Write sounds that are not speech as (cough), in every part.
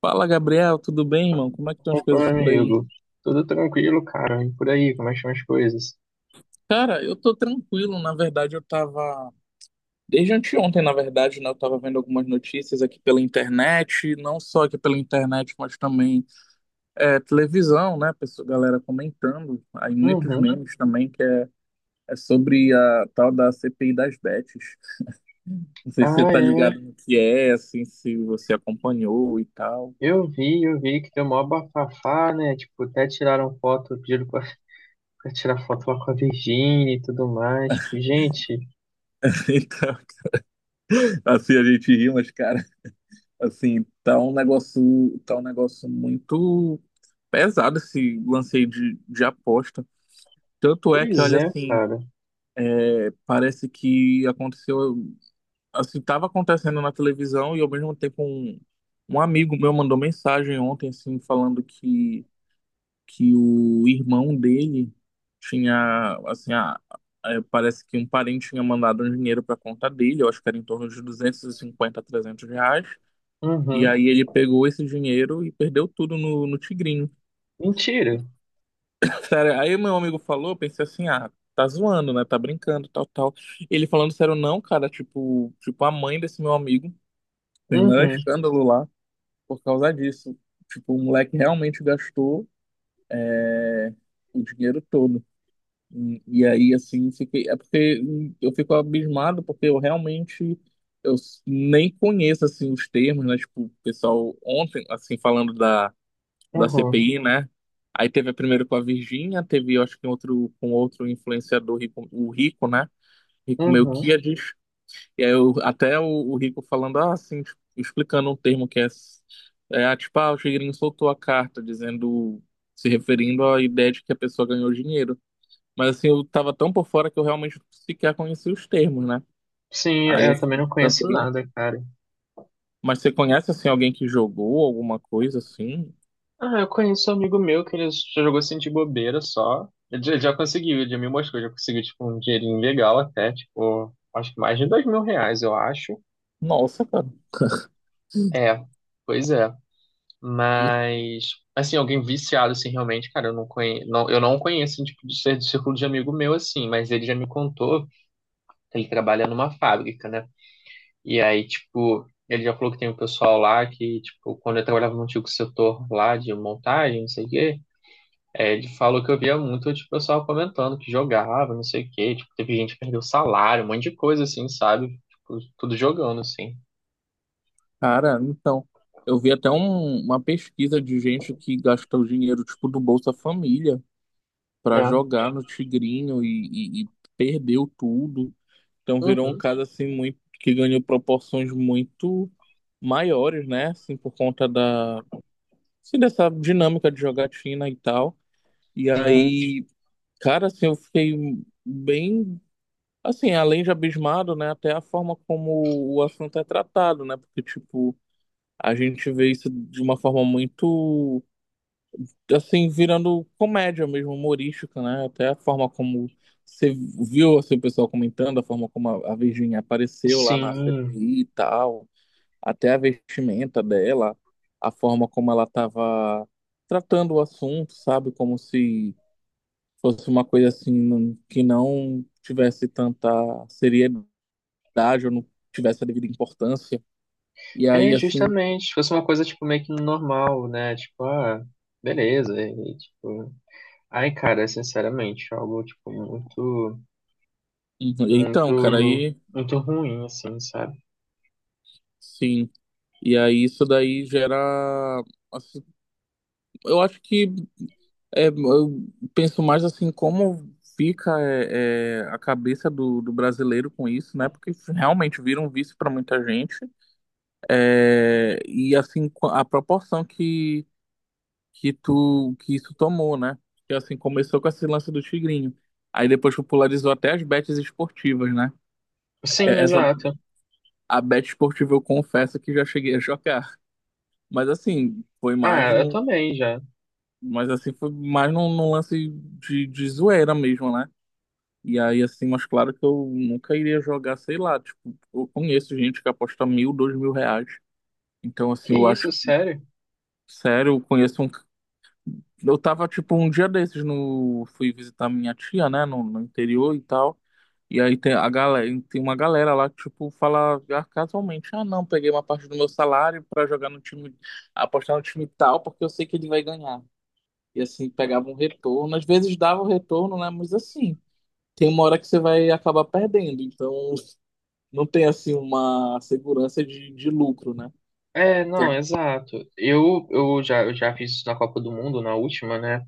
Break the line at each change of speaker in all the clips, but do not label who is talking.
Fala, Gabriel, tudo bem, irmão? Como é que estão as
Opa, meu
coisas por aí?
amigo. Tudo tranquilo, cara. E por aí, como é que estão as coisas?
Cara, eu tô tranquilo, na verdade, eu tava. Desde anteontem, na verdade, né? Eu tava vendo algumas notícias aqui pela internet, não só aqui pela internet, mas também televisão, né? Pessoa, galera comentando, aí muitos
Uhum.
memes também, que é, sobre a tal da CPI das bets. Não sei se você
Ah,
tá
é.
ligado no que é, assim, se você acompanhou e tal.
Eu vi que deu mó bafafá, né? Tipo, até tiraram foto, pediram pra, (laughs) pra tirar foto lá com a Virgínia e tudo mais. Tipo, gente,
(laughs) Então, assim, a gente riu, mas, cara. Assim, tá um negócio muito pesado esse lance aí de aposta. Tanto é que,
pois
olha,
é,
assim,
cara.
parece que aconteceu, assim, tava acontecendo na televisão e ao mesmo tempo um amigo meu mandou mensagem ontem, assim, falando que o irmão dele tinha, assim, a, é, parece que um parente tinha mandado um dinheiro para conta dele, eu acho que era em torno de 250 a 300 reais. E
Uhum.
aí ele pegou esse dinheiro e perdeu tudo no Tigrinho.
Mentira.
Sério, aí meu amigo falou, eu pensei assim, ah, tá zoando, né? Tá brincando, tal, tal. Ele falando sério, não, cara, tipo, a mãe desse meu amigo fez o maior
Uhum.
escândalo lá por causa disso. Tipo, o moleque realmente gastou o dinheiro todo. E aí, assim, fiquei, é porque eu fico abismado, porque eu realmente nem conheço, assim, os termos, né? Tipo, o pessoal ontem, assim, falando da
Uhum.
CPI, né? Aí teve a primeiro com a Virgínia, teve, eu acho que um outro com outro influenciador rico, o Rico, né? Rico
Uhum.
Melquiades. E aí eu, até o Rico falando ah, assim, tipo, explicando um termo que é, é ah, tipo, ah, o Tigrinho soltou a carta dizendo, se referindo à ideia de que a pessoa ganhou dinheiro. Mas assim, eu tava tão por fora que eu realmente sequer conhecia os termos, né?
Sim, é,
Aí
eu
assim,
também não conheço
também.
nada, cara.
Mas você conhece assim alguém que jogou alguma coisa assim?
Ah, eu conheço um amigo meu que ele já jogou assim de bobeira só. Ele já conseguiu, ele já me mostrou, já conseguiu tipo um dinheirinho legal até, tipo, acho que mais de dois mil reais, eu acho.
Nossa, cara.
É, pois é. Mas, assim, alguém viciado, assim, realmente, cara, eu não conheço, não, eu não conheço, assim, tipo, de ser do círculo de amigo meu, assim, mas ele já me contou que ele trabalha numa fábrica, né? E aí, tipo, ele já falou que tem um pessoal lá que, tipo, quando eu trabalhava no antigo setor lá de montagem, não sei o quê. É, ele falou que eu via muito, tipo, o pessoal comentando que jogava, não sei o quê. Tipo, teve gente que perdeu salário, um monte de coisa, assim, sabe? Tipo, tudo jogando, assim.
Cara, então, eu vi até uma pesquisa de gente que gasta o dinheiro, tipo, do Bolsa Família pra
É.
jogar no Tigrinho e perdeu tudo. Então virou um
Uhum.
caso, assim, muito, que ganhou proporções muito maiores, né? Assim, por conta da, assim, dessa dinâmica de jogatina e tal. E
Sim.
aí, cara, assim, eu fiquei bem, assim, além de abismado, né? Até a forma como o assunto é tratado, né? Porque, tipo, a gente vê isso de uma forma muito, assim, virando comédia mesmo, humorística, né? Até a forma como você viu, assim, o pessoal comentando, a forma como a Virginia apareceu lá na
Sim.
CPI e tal, até a vestimenta dela, a forma como ela estava tratando o assunto, sabe? Como se fosse uma coisa, assim, que não tivesse tanta seriedade ou não tivesse a devida importância. E aí,
É,
assim,
justamente. Se fosse uma coisa, tipo, meio que normal, né? Tipo, ah, beleza. E, tipo... Ai, cara, é sinceramente, algo, tipo, muito,
uhum, então, cara,
muito,
aí,
muito ruim, assim, sabe?
sim, e aí isso daí gera, assim, eu acho que é, eu penso mais assim como fica é, é, a cabeça do brasileiro com isso, né? Porque realmente vira um vício para muita gente. É, e assim a proporção que tu que isso tomou, né? Que assim começou com esse lance do Tigrinho. Aí depois popularizou até as bets esportivas, né?
Sim,
É, essa,
exato.
a bet esportiva eu confesso que já cheguei a (laughs) jogar. Mas assim, foi mais
Ah, eu
num
também já.
mas assim, foi mais num lance de zoeira mesmo, né? E aí, assim, mas claro que eu nunca iria jogar, sei lá, tipo, eu conheço gente que aposta 1.000, 2.000 reais. Então, assim,
Que
eu acho
isso,
que,
sério?
sério, eu conheço um. Eu tava, tipo, um dia desses no. Fui visitar minha tia, né, no interior e tal. E aí tem a galera, tem uma galera lá que, tipo, fala ah, casualmente, ah, não, peguei uma parte do meu salário pra jogar no time, apostar no time tal, porque eu sei que ele vai ganhar. E assim, pegava um retorno. Às vezes dava um retorno, né? Mas assim, tem uma hora que você vai acabar perdendo. Então, não tem assim uma segurança de lucro, né?
É, não,
Então,
exato. Eu já fiz isso na Copa do Mundo, na última, né?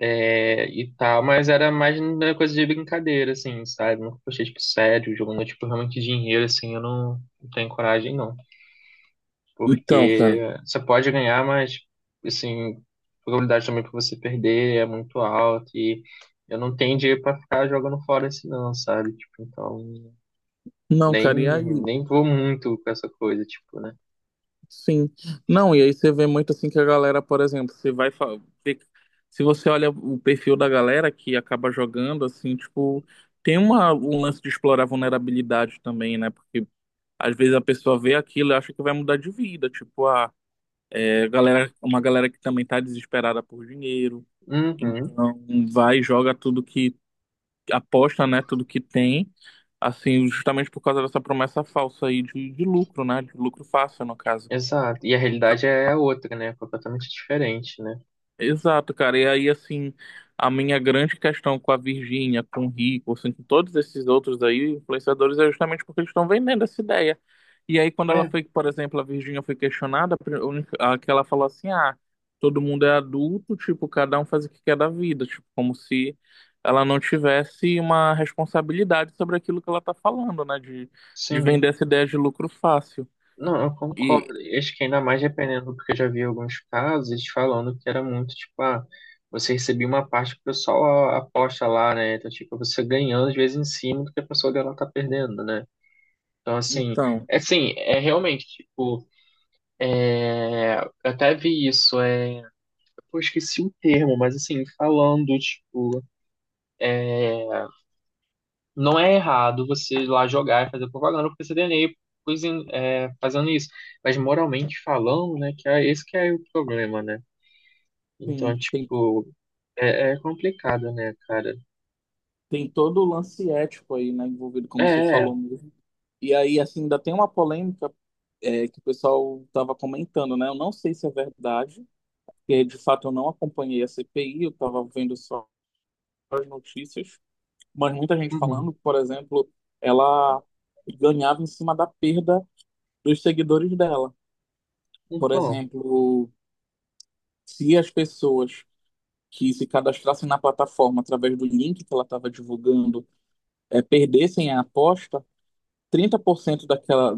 É, e tal, mas era mais uma coisa de brincadeira, assim, sabe? Nunca postei, tipo, sério, jogando, tipo, realmente dinheiro, assim, eu não, não tenho coragem, não.
então, cara.
Porque você pode ganhar, mas, assim, a probabilidade também pra você perder é muito alta e eu não tenho dinheiro pra ficar jogando fora assim, não, sabe? Tipo, então,
Não,
nem,
cara, e aí,
nem vou muito com essa coisa, tipo, né?
sim. Não, e aí você vê muito assim que a galera, por exemplo, você vai. Ver- Se você olha o perfil da galera que acaba jogando, assim, tipo, tem uma, um lance de explorar vulnerabilidade também, né? Porque às vezes a pessoa vê aquilo e acha que vai mudar de vida. Tipo, ah. É galera, uma galera que também tá desesperada por dinheiro,
Uhum.
então vai e joga tudo que aposta, né, tudo que tem, assim, justamente por causa dessa promessa falsa aí de lucro, né, de lucro fácil no caso.
Exato. E a realidade é outra, né? Completamente diferente, né?
Exato, cara. E aí, assim, a minha grande questão com a Virgínia, com o Rico, assim, com todos esses outros aí, influenciadores, é justamente porque eles estão vendendo essa ideia. E aí, quando ela
É,
foi, por exemplo, a Virgínia foi questionada, a pri- a única- a que ela falou assim: ah, todo mundo é adulto, tipo, cada um faz o que quer da vida, tipo, como se ela não tivesse uma responsabilidade sobre aquilo que ela tá falando, né, de vender
sim.
essa ideia de lucro fácil.
Não, eu
E,
concordo. E acho que ainda mais dependendo, porque eu já vi alguns casos eles falando que era muito, tipo, ah, você recebia uma parte que o pessoal a- aposta lá, né? Então, tipo, você ganhando às vezes em cima do que a pessoa dela tá perdendo, né? Então,
então,
assim, é realmente, tipo, é, eu até vi isso, é, pô, esqueci o termo, mas assim, falando, tipo, não é errado você ir lá jogar e fazer propaganda pro PCDNE pois, é, fazendo isso. Mas moralmente falando, né, que é esse que é o problema, né?
sim,
Então,
tem
tipo, é, é complicado, né, cara?
tem todo o lance ético aí, né, envolvido,
É,
como você
é,
falou mesmo. E aí, assim, ainda tem uma polêmica é, que o pessoal estava comentando, né? Eu não sei se é verdade, porque de fato eu não acompanhei a CPI, eu estava vendo só as notícias, mas muita gente
uhum,
falando, por exemplo, ela ganhava em cima da perda dos seguidores dela. Por
então,
exemplo, se as pessoas que se cadastrassem na plataforma através do link que ela estava divulgando é, perdessem a aposta, 30% daquela,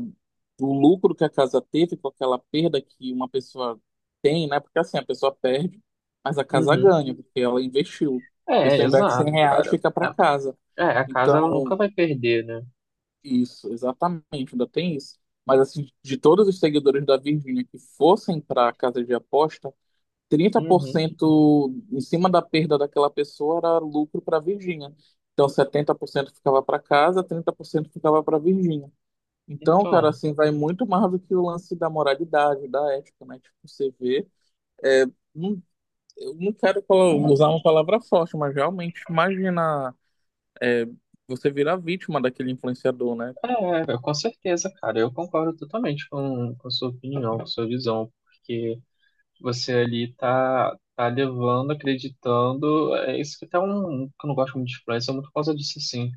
do lucro que a casa teve com aquela perda que uma pessoa tem, né? Porque assim, a pessoa perde, mas a casa
uhum,
ganha, porque ela investiu. A
é,
pessoa investe
exato,
100 reais,
cara.
fica para casa.
É, é, a casa ela nunca
Então,
vai perder, né?
isso, exatamente, ainda tem isso. Mas assim, de todos os seguidores da Virgínia que fossem para a casa de aposta, trinta por
Uhum,
cento em cima da perda daquela pessoa era lucro para a Virgínia. Então, 70% ficava para casa, 30% ficava para a então, cara,
então,
assim, vai muito mais do que o lance da moralidade, da ética, né? Tipo, você vê, é, não, eu não quero usar uma palavra forte, mas realmente imagina, é, você virar vítima daquele influenciador, né?
é, é, com certeza, cara, eu concordo totalmente com a sua opinião, com a sua visão, porque você ali tá, tá levando, acreditando. É isso que até um que eu não gosto muito de influencer, é muito por causa disso, assim.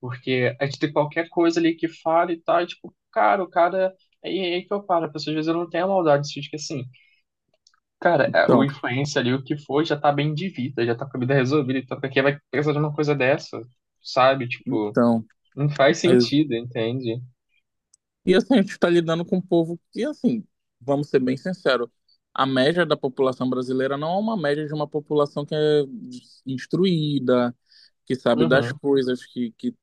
Porque a gente tem qualquer coisa ali que fala e tal, e tipo, cara, o cara. Aí que eu paro, pessoas às vezes eu não tenho a maldade de que assim, cara, é, o
Então,
influencer ali, o que for, já tá bem de vida, já tá com a vida resolvida, então pra que vai precisar de uma coisa dessa, sabe? Tipo,
então,
não faz
é,
sentido, entende?
e assim, a gente tá lidando com um povo que, assim, vamos ser bem sinceros, a média da população brasileira não é uma média de uma população que é instruída, que sabe das
Uhum,
coisas,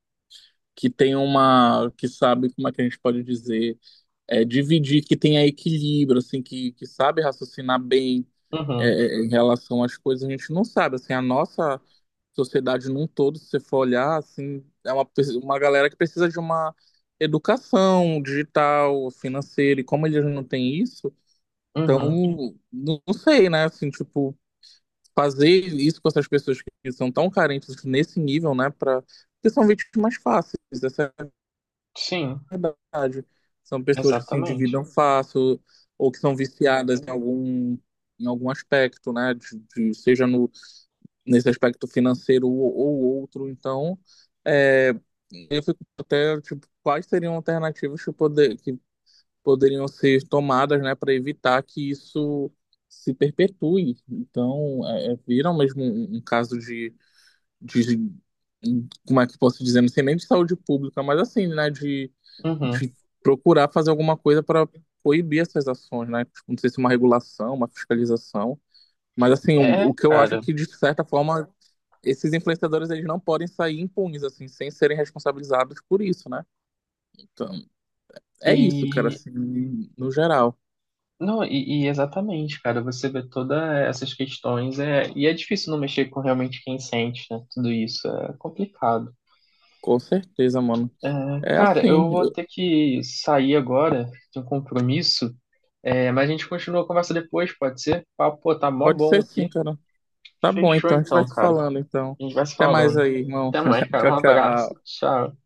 que tem uma, que sabe como é que a gente pode dizer é, dividir, que tenha equilíbrio, assim, que sabe raciocinar bem
uhum,
é, é, em relação às coisas. A gente não sabe, assim, a nossa sociedade num todo, se você for olhar, assim, é uma, uma galera que precisa de uma educação digital, financeira, e como eles não têm isso, então,
uhum.
não sei, né, assim, tipo, fazer isso com essas pessoas que são tão carentes nesse nível, né, para que são vítimas fáceis, essa
Sim,
verdade. São pessoas que se
exatamente.
endividam fácil ou que são viciadas em algum aspecto, né? De, seja no, nesse aspecto financeiro ou outro. Então, é, eu fico até, tipo, quais seriam alternativas que, poder, que poderiam ser tomadas, né, para evitar que isso se perpetue. Então, é, é, vira mesmo um caso de como é que eu posso dizer, não sei nem de saúde pública, mas assim, né,
Uhum.
de procurar fazer alguma coisa para proibir essas ações, né? Tipo, não sei se uma regulação, uma fiscalização, mas assim, o,
É,
o que eu acho é
cara.
que de certa forma esses influenciadores eles não podem sair impunes assim, sem serem responsabilizados por isso, né? Então, é isso, cara,
E
assim, no geral.
não, e exatamente, cara, você vê todas essas questões, é, e é difícil não mexer com realmente quem sente, né? Tudo isso é complicado.
Com certeza, mano. É
Cara,
assim,
eu vou ter que sair agora, tenho um compromisso, é, mas a gente continua a conversa depois, pode ser? Papo, pô, tá mó
pode
bom
ser sim,
aqui.
cara. Tá bom,
Fechou
então a gente vai
então,
se
cara.
falando, então.
A gente vai se
Até mais
falando.
aí, irmão.
Até mais,
(laughs)
cara.
Tchau,
Um abraço.
tchau.
Tchau.